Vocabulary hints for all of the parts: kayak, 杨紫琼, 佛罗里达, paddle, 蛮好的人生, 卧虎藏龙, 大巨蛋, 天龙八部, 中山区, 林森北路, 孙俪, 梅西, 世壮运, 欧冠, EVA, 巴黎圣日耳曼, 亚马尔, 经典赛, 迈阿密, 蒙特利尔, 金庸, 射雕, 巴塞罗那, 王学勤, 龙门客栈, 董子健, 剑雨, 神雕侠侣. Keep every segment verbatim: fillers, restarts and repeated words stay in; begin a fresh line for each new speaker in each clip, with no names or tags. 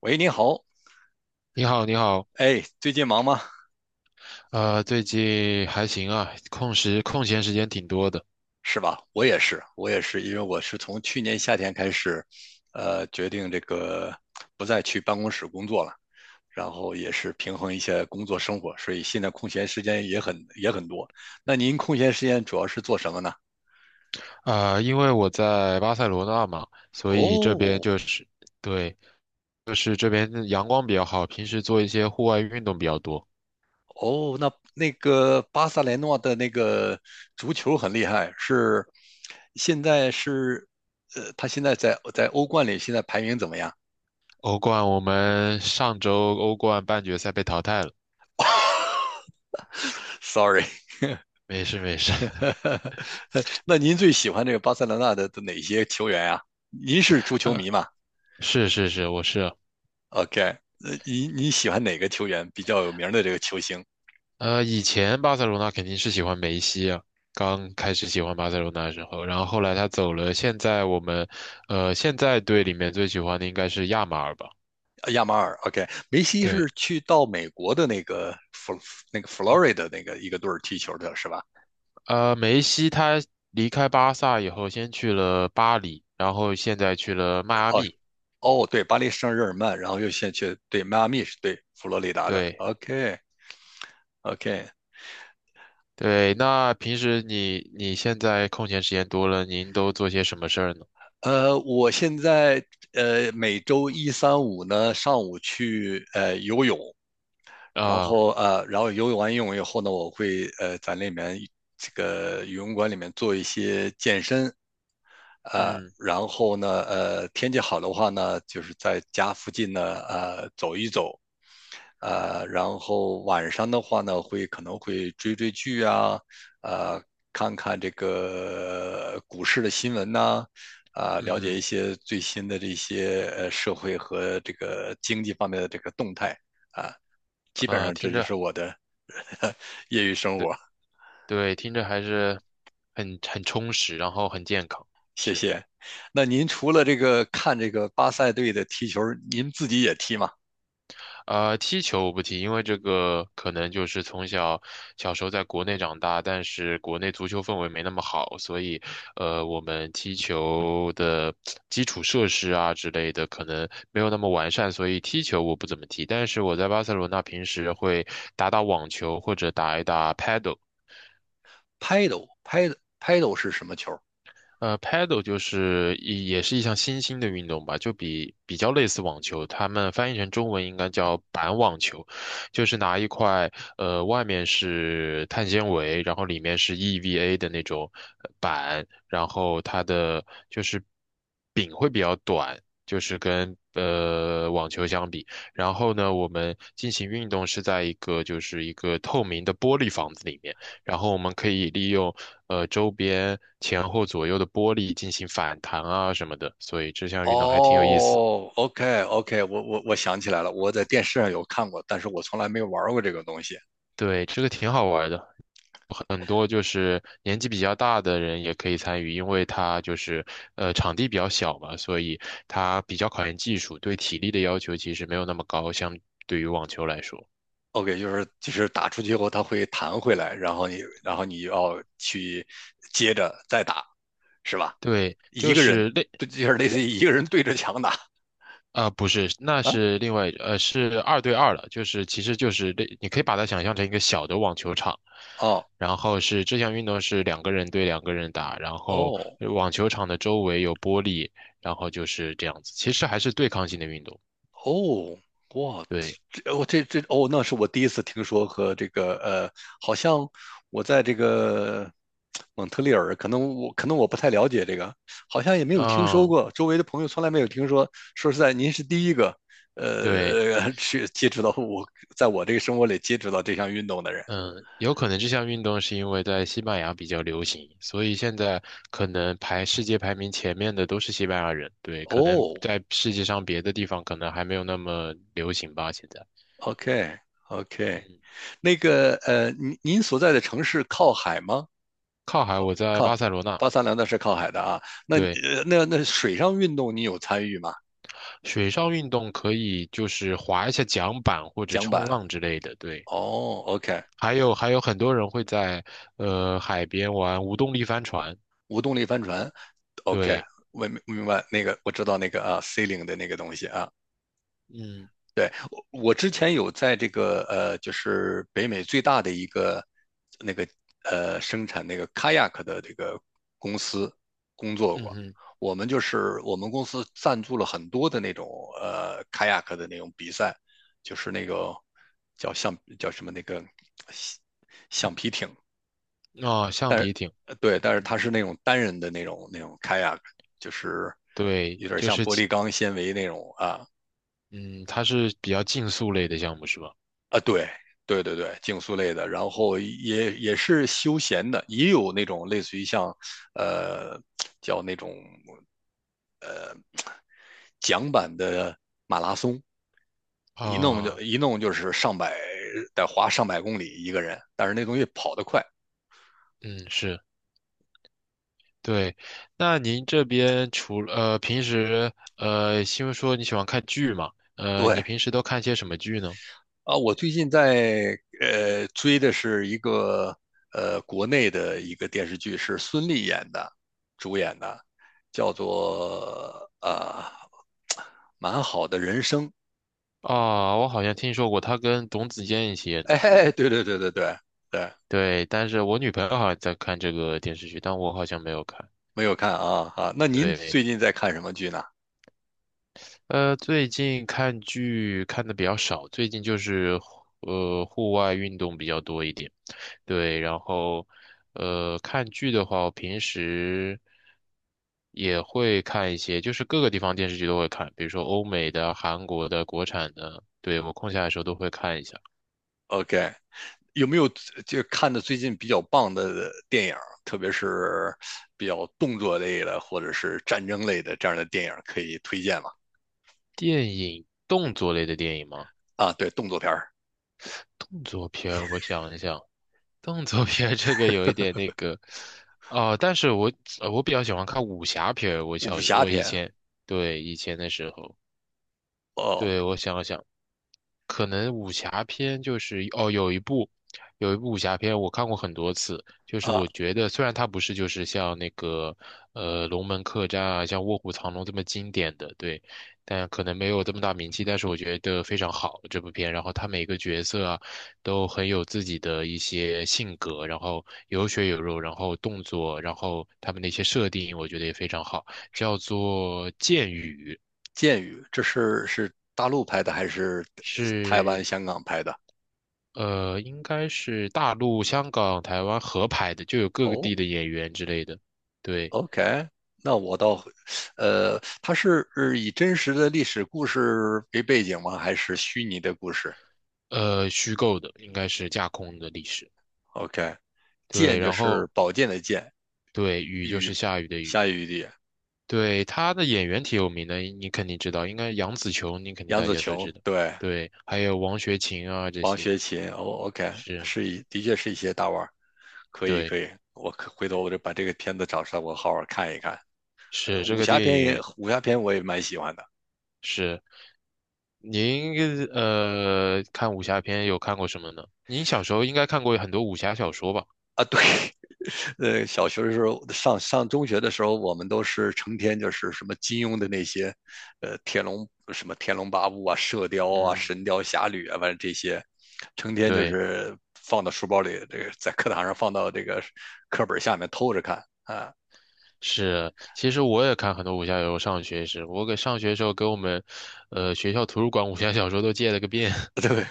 喂，您好，
你好，你好。
哎，最近忙吗？
呃，最近还行啊，空时空闲时间挺多的。
是吧？我也是，我也是，因为我是从去年夏天开始，呃，决定这个不再去办公室工作了，然后也是平衡一些工作生活，所以现在空闲时间也很也很多。那您空闲时间主要是做什么呢？
呃，因为我在巴塞罗那嘛，所以这边
哦
就是，对，就是这边的阳光比较好，平时做一些户外运动比较多。
哦，那那个巴塞雷诺的那个足球很厉害，是现在是，呃，他现在在在欧冠里现在排名怎么样
欧冠我们上周欧冠半决赛被淘汰了。
？Sorry，
没事，没事。
那您最喜欢这个巴塞罗那的的哪些球员啊？您是足 球
呃，
迷嘛
是是是，我是啊。
？OK，呃，您你喜欢哪个球员比较有名的这个球星？
呃，以前巴塞罗那肯定是喜欢梅西啊。刚开始喜欢巴塞罗那的时候，然后后来他走了，现在我们，呃，现在队里面最喜欢的应该是亚马尔吧？
呃亚马尔，OK，梅西是
对。
去到美国的那个佛那个 Florida 那个一个队儿踢球的是吧？
呃，梅西他离开巴萨以后，先去了巴黎，然后现在去了迈阿
哦
密。
哦，对，巴黎圣日耳曼，然后又先去对迈阿密是对佛罗里达的
对，
，OK OK，
对，那平时你你现在空闲时间多了，您都做些什么事儿呢？
呃，我现在呃每周一、三、五呢上午去呃游泳，然
啊，
后呃，然后游泳完游泳以后呢，我会呃在里面这个游泳馆里面做一些健身，呃，
嗯
然后呢，呃，天气好的话呢，就是在家附近呢，呃，走一走，呃，然后晚上的话呢，会可能会追追剧啊，呃，看看这个股市的新闻呐、啊，了解
嗯
一些最新的这些呃社会和这个经济方面的这个动态啊，
哼，
基本
啊，
上这
听
就
着。
是我的业余生
对。
活，
对，听着还是很很充实，然后很健康。
谢
是。
谢。那您除了这个看这个巴塞队的踢球，您自己也踢吗
呃，踢球我不踢，因为这个可能就是从小小时候在国内长大，但是国内足球氛围没那么好，所以，呃，我们踢球的基础设施啊之类的可能没有那么完善，所以踢球我不怎么踢。但是我在巴塞罗那平时会打打网球或者打一打 paddle。
？Paddle，Paddle，Paddle 是什么球？
呃，paddle 就是一也是一项新兴的运动吧，就比比较类似网球，他们翻译成中文应该叫板网球。就是拿一块呃外面是碳纤维，然后里面是 E V A 的那种呃板，然后它的就是柄会比较短，就是跟呃网球相比。然后呢，我们进行运动是在一个就是一个透明的玻璃房子里面。然后我们可以利用呃周边前后左右的玻璃进行反弹啊什么的，所以这项运动还挺有意思。
哦，OK，OK，我我我想起来了，我在电视上有看过，但是我从来没有玩过这个东西。
对，这个挺好玩的，很多就是年纪比较大的人也可以参与，因为它就是呃场地比较小嘛，所以它比较考验技术，对体力的要求其实没有那么高，相对于网球来说。
OK，就是就是打出去后它会弹回来，然后你然后你要去接着再打，是吧？
对，
一
就
个人
是类。
对，就是类似于一个人对着墙打
啊，不是，那
啊？
是另外，呃，是二对二了，就是其实就是类你可以把它想象成一个小的网球场，
哦
然后是这项运动是两个人对两个人打，然后
哦
呃网球场的周围有玻璃，然后就是这样子，其实还是对抗性的运动。
哦，哇，
对。
这我这这哦，那是我第一次听说和这个呃，好像我在这个蒙特利尔，可能我可能我不太了解这个，好像也没有听说
嗯。
过，周围的朋友从来没有听说。说实在，您是第一个
对。
呃去接触到我，在我这个生活里接触到这项运动的人。
嗯，有可能这项运动是因为在西班牙比较流行，所以现在可能排世界排名前面的都是西班牙人。对，可能
哦
在世界上别的地方可能还没有那么流行吧，现在。
，OK OK，
嗯，
那个呃，您您所在的城市靠海吗？
靠海，我在
靠
巴塞罗那。
八三两那是靠海的啊。那
对，
呃那那水上运动你有参与吗？
水上运动可以就是划一下桨板或者
桨
冲
板
浪之类的。对，
哦，OK，
还有还有很多人会在呃海边玩无动力帆船。
无动力帆船，OK，
对，
我明明白那个，我知道那个啊，C 零的那个东西啊。
嗯
对，我我之前有在这个呃，就是北美最大的一个那个呃生产那个 kayak 的这个公司工作过。
嗯
我们就是我们公司赞助了很多的那种呃 kayak 的那种比赛，就是那个叫橡叫什么那个橡橡皮艇，
嗯，哦，橡
但是
皮艇，
呃对，但是
嗯，
它是那种单人的那种那种 kayak，就是
对，
有点
就
像
是
玻
其
璃钢纤维那种啊，
嗯，它是比较竞速类的项目是吧？
啊，对对对对，竞速类的，然后也也是休闲的，也有那种类似于像，呃，叫那种桨板的马拉松，一弄就
啊，
一弄就是上百，得花上百公里一个人，但是那东西跑得快。
嗯，是。对，那您这边除了呃平时呃，因为说你喜欢看剧嘛，呃，你
对
平时都看些什么剧呢？
啊，我最近在呃追的是一个呃国内的一个电视剧，是孙俪演的，主演的，叫做呃蛮好的人生。
啊，我好像听说过，他跟董子健一起 演的是吧？
哎，对对对对对对，
对，但是我女朋友好像在看这个电视剧，但我好像没有看。
没有看啊啊。那您
对，
最近在看什么剧呢
呃，最近看剧看的比较少，最近就是呃户外运动比较多一点。对，然后呃看剧的话，我平时也会看一些，就是各个地方电视剧都会看，比如说欧美的、韩国的、国产的，对，我空下来的时候都会看一下。
？OK，有没有就看的最近比较棒的电影，特别是比较动作类的或者是战争类的这样的电影可以推荐吗？
电影，动作类的电影吗？
啊，对，动作片儿、
动作片儿我想一想，动作片儿这个有一点那个。哦、但是我呃我比较喜欢看武侠片儿。我
武
小时
侠
我以
片。
前，对，以前的时候。
哦
对，我想了想，可能武侠片就是哦，有一部，有一部武侠片我看过很多次，就
啊，
是我觉得虽然它不是就是像那个呃《龙门客栈》啊，像《卧虎藏龙》这么经典的，对，但可能没有这么大名气，但是我觉得非常好这部片，然后它每个角色啊都很有自己的一些性格，然后有血有肉，然后动作，然后他们的一些设定，我觉得也非常好，叫做《剑雨》。
《剑雨》这是是大陆拍的还是台湾、
是
香港拍的？
呃，应该是大陆、香港、台湾合拍的，就有各个
哦
地的演员之类的。对，
OK，那我倒会，呃，它是呃以真实的历史故事为背景吗？还是虚拟的故事
呃，虚构的应该是架空的历史。
？OK，剑
对，
就
然
是
后
宝剑的剑，
对，雨就是
雨，
下雨的雨。
下雨的雨
对，他的演员挺有名的，你肯定知道，应该杨紫琼，你肯定
杨
大
紫
家都
琼，
知道。
对，
对，还有王学勤啊这
王
些，
学勤。哦，OK，
是，
是一，的确是一些大腕儿，可以可
对，
以，我可回头我就把这个片子找出来，我好好看一看。呃
是这
武
个
侠
电
片也，
影
武侠片我也蛮喜欢的。
是。您呃看武侠片有看过什么呢？您小时候应该看过很多武侠小说吧？
啊，对，呃，小学的时候，上上中学的时候，我们都是成天就是什么金庸的那些，呃，天龙什么天龙八部啊、射雕啊、
嗯。
神雕侠侣啊，反正这些，成天就
对。
是放到书包里，这个在课堂上放到这个课本下面偷着看啊，
是，其实我也看很多武侠小说。上学时，我给上学时候给我们，呃，学校图书馆武侠小说都借了个遍。
对。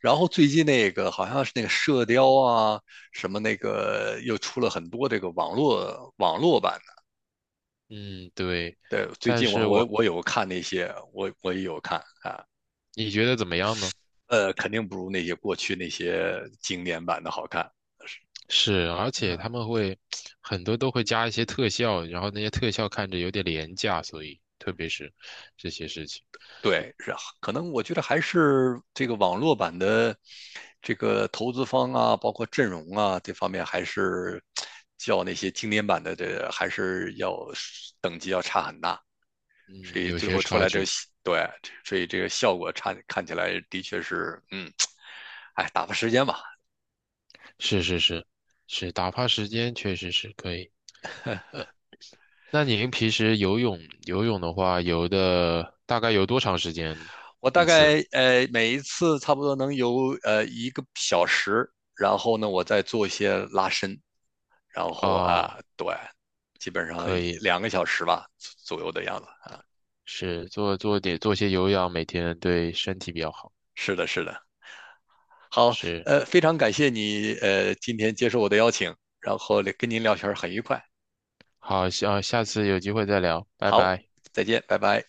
然后最近那个好像是那个射雕啊，什么那个又出了很多这个网络网络版
嗯，对。
的，对，最
但
近我
是
我
我，
我有看那些，我我也有看啊。
你觉得怎么样呢？
呃，肯定不如那些过去那些经典版的好看。
是，而且
嗯，
他们会很多都会加一些特效，然后那些特效看着有点廉价，所以特别是这些事情。
对，是啊可能我觉得还是这个网络版的这个投资方啊，包括阵容啊这方面，还是较那些经典版的这还是要等级要差很大，所
嗯，
以
有
最
些
后出
差
来这
距。
对，所以这个效果差看起来的确是，嗯，哎，打发时间吧，
是是是是，打发时间确实是可以。那您平时游泳游泳的话，游的大概游多长时间
我大
一次？
概呃每一次差不多能游呃一个小时，然后呢，我再做一些拉伸，然后
哦，
啊，对，基本上
可以，
两个小时吧左右的样子。
是做做点做些有氧，每天对身体比较好。
是的，是的。好，
是，
呃，非常感谢你呃今天接受我的邀请，然后跟您聊天儿很愉快。
好，下下次有机会再聊，拜
好，
拜。
再见，拜拜。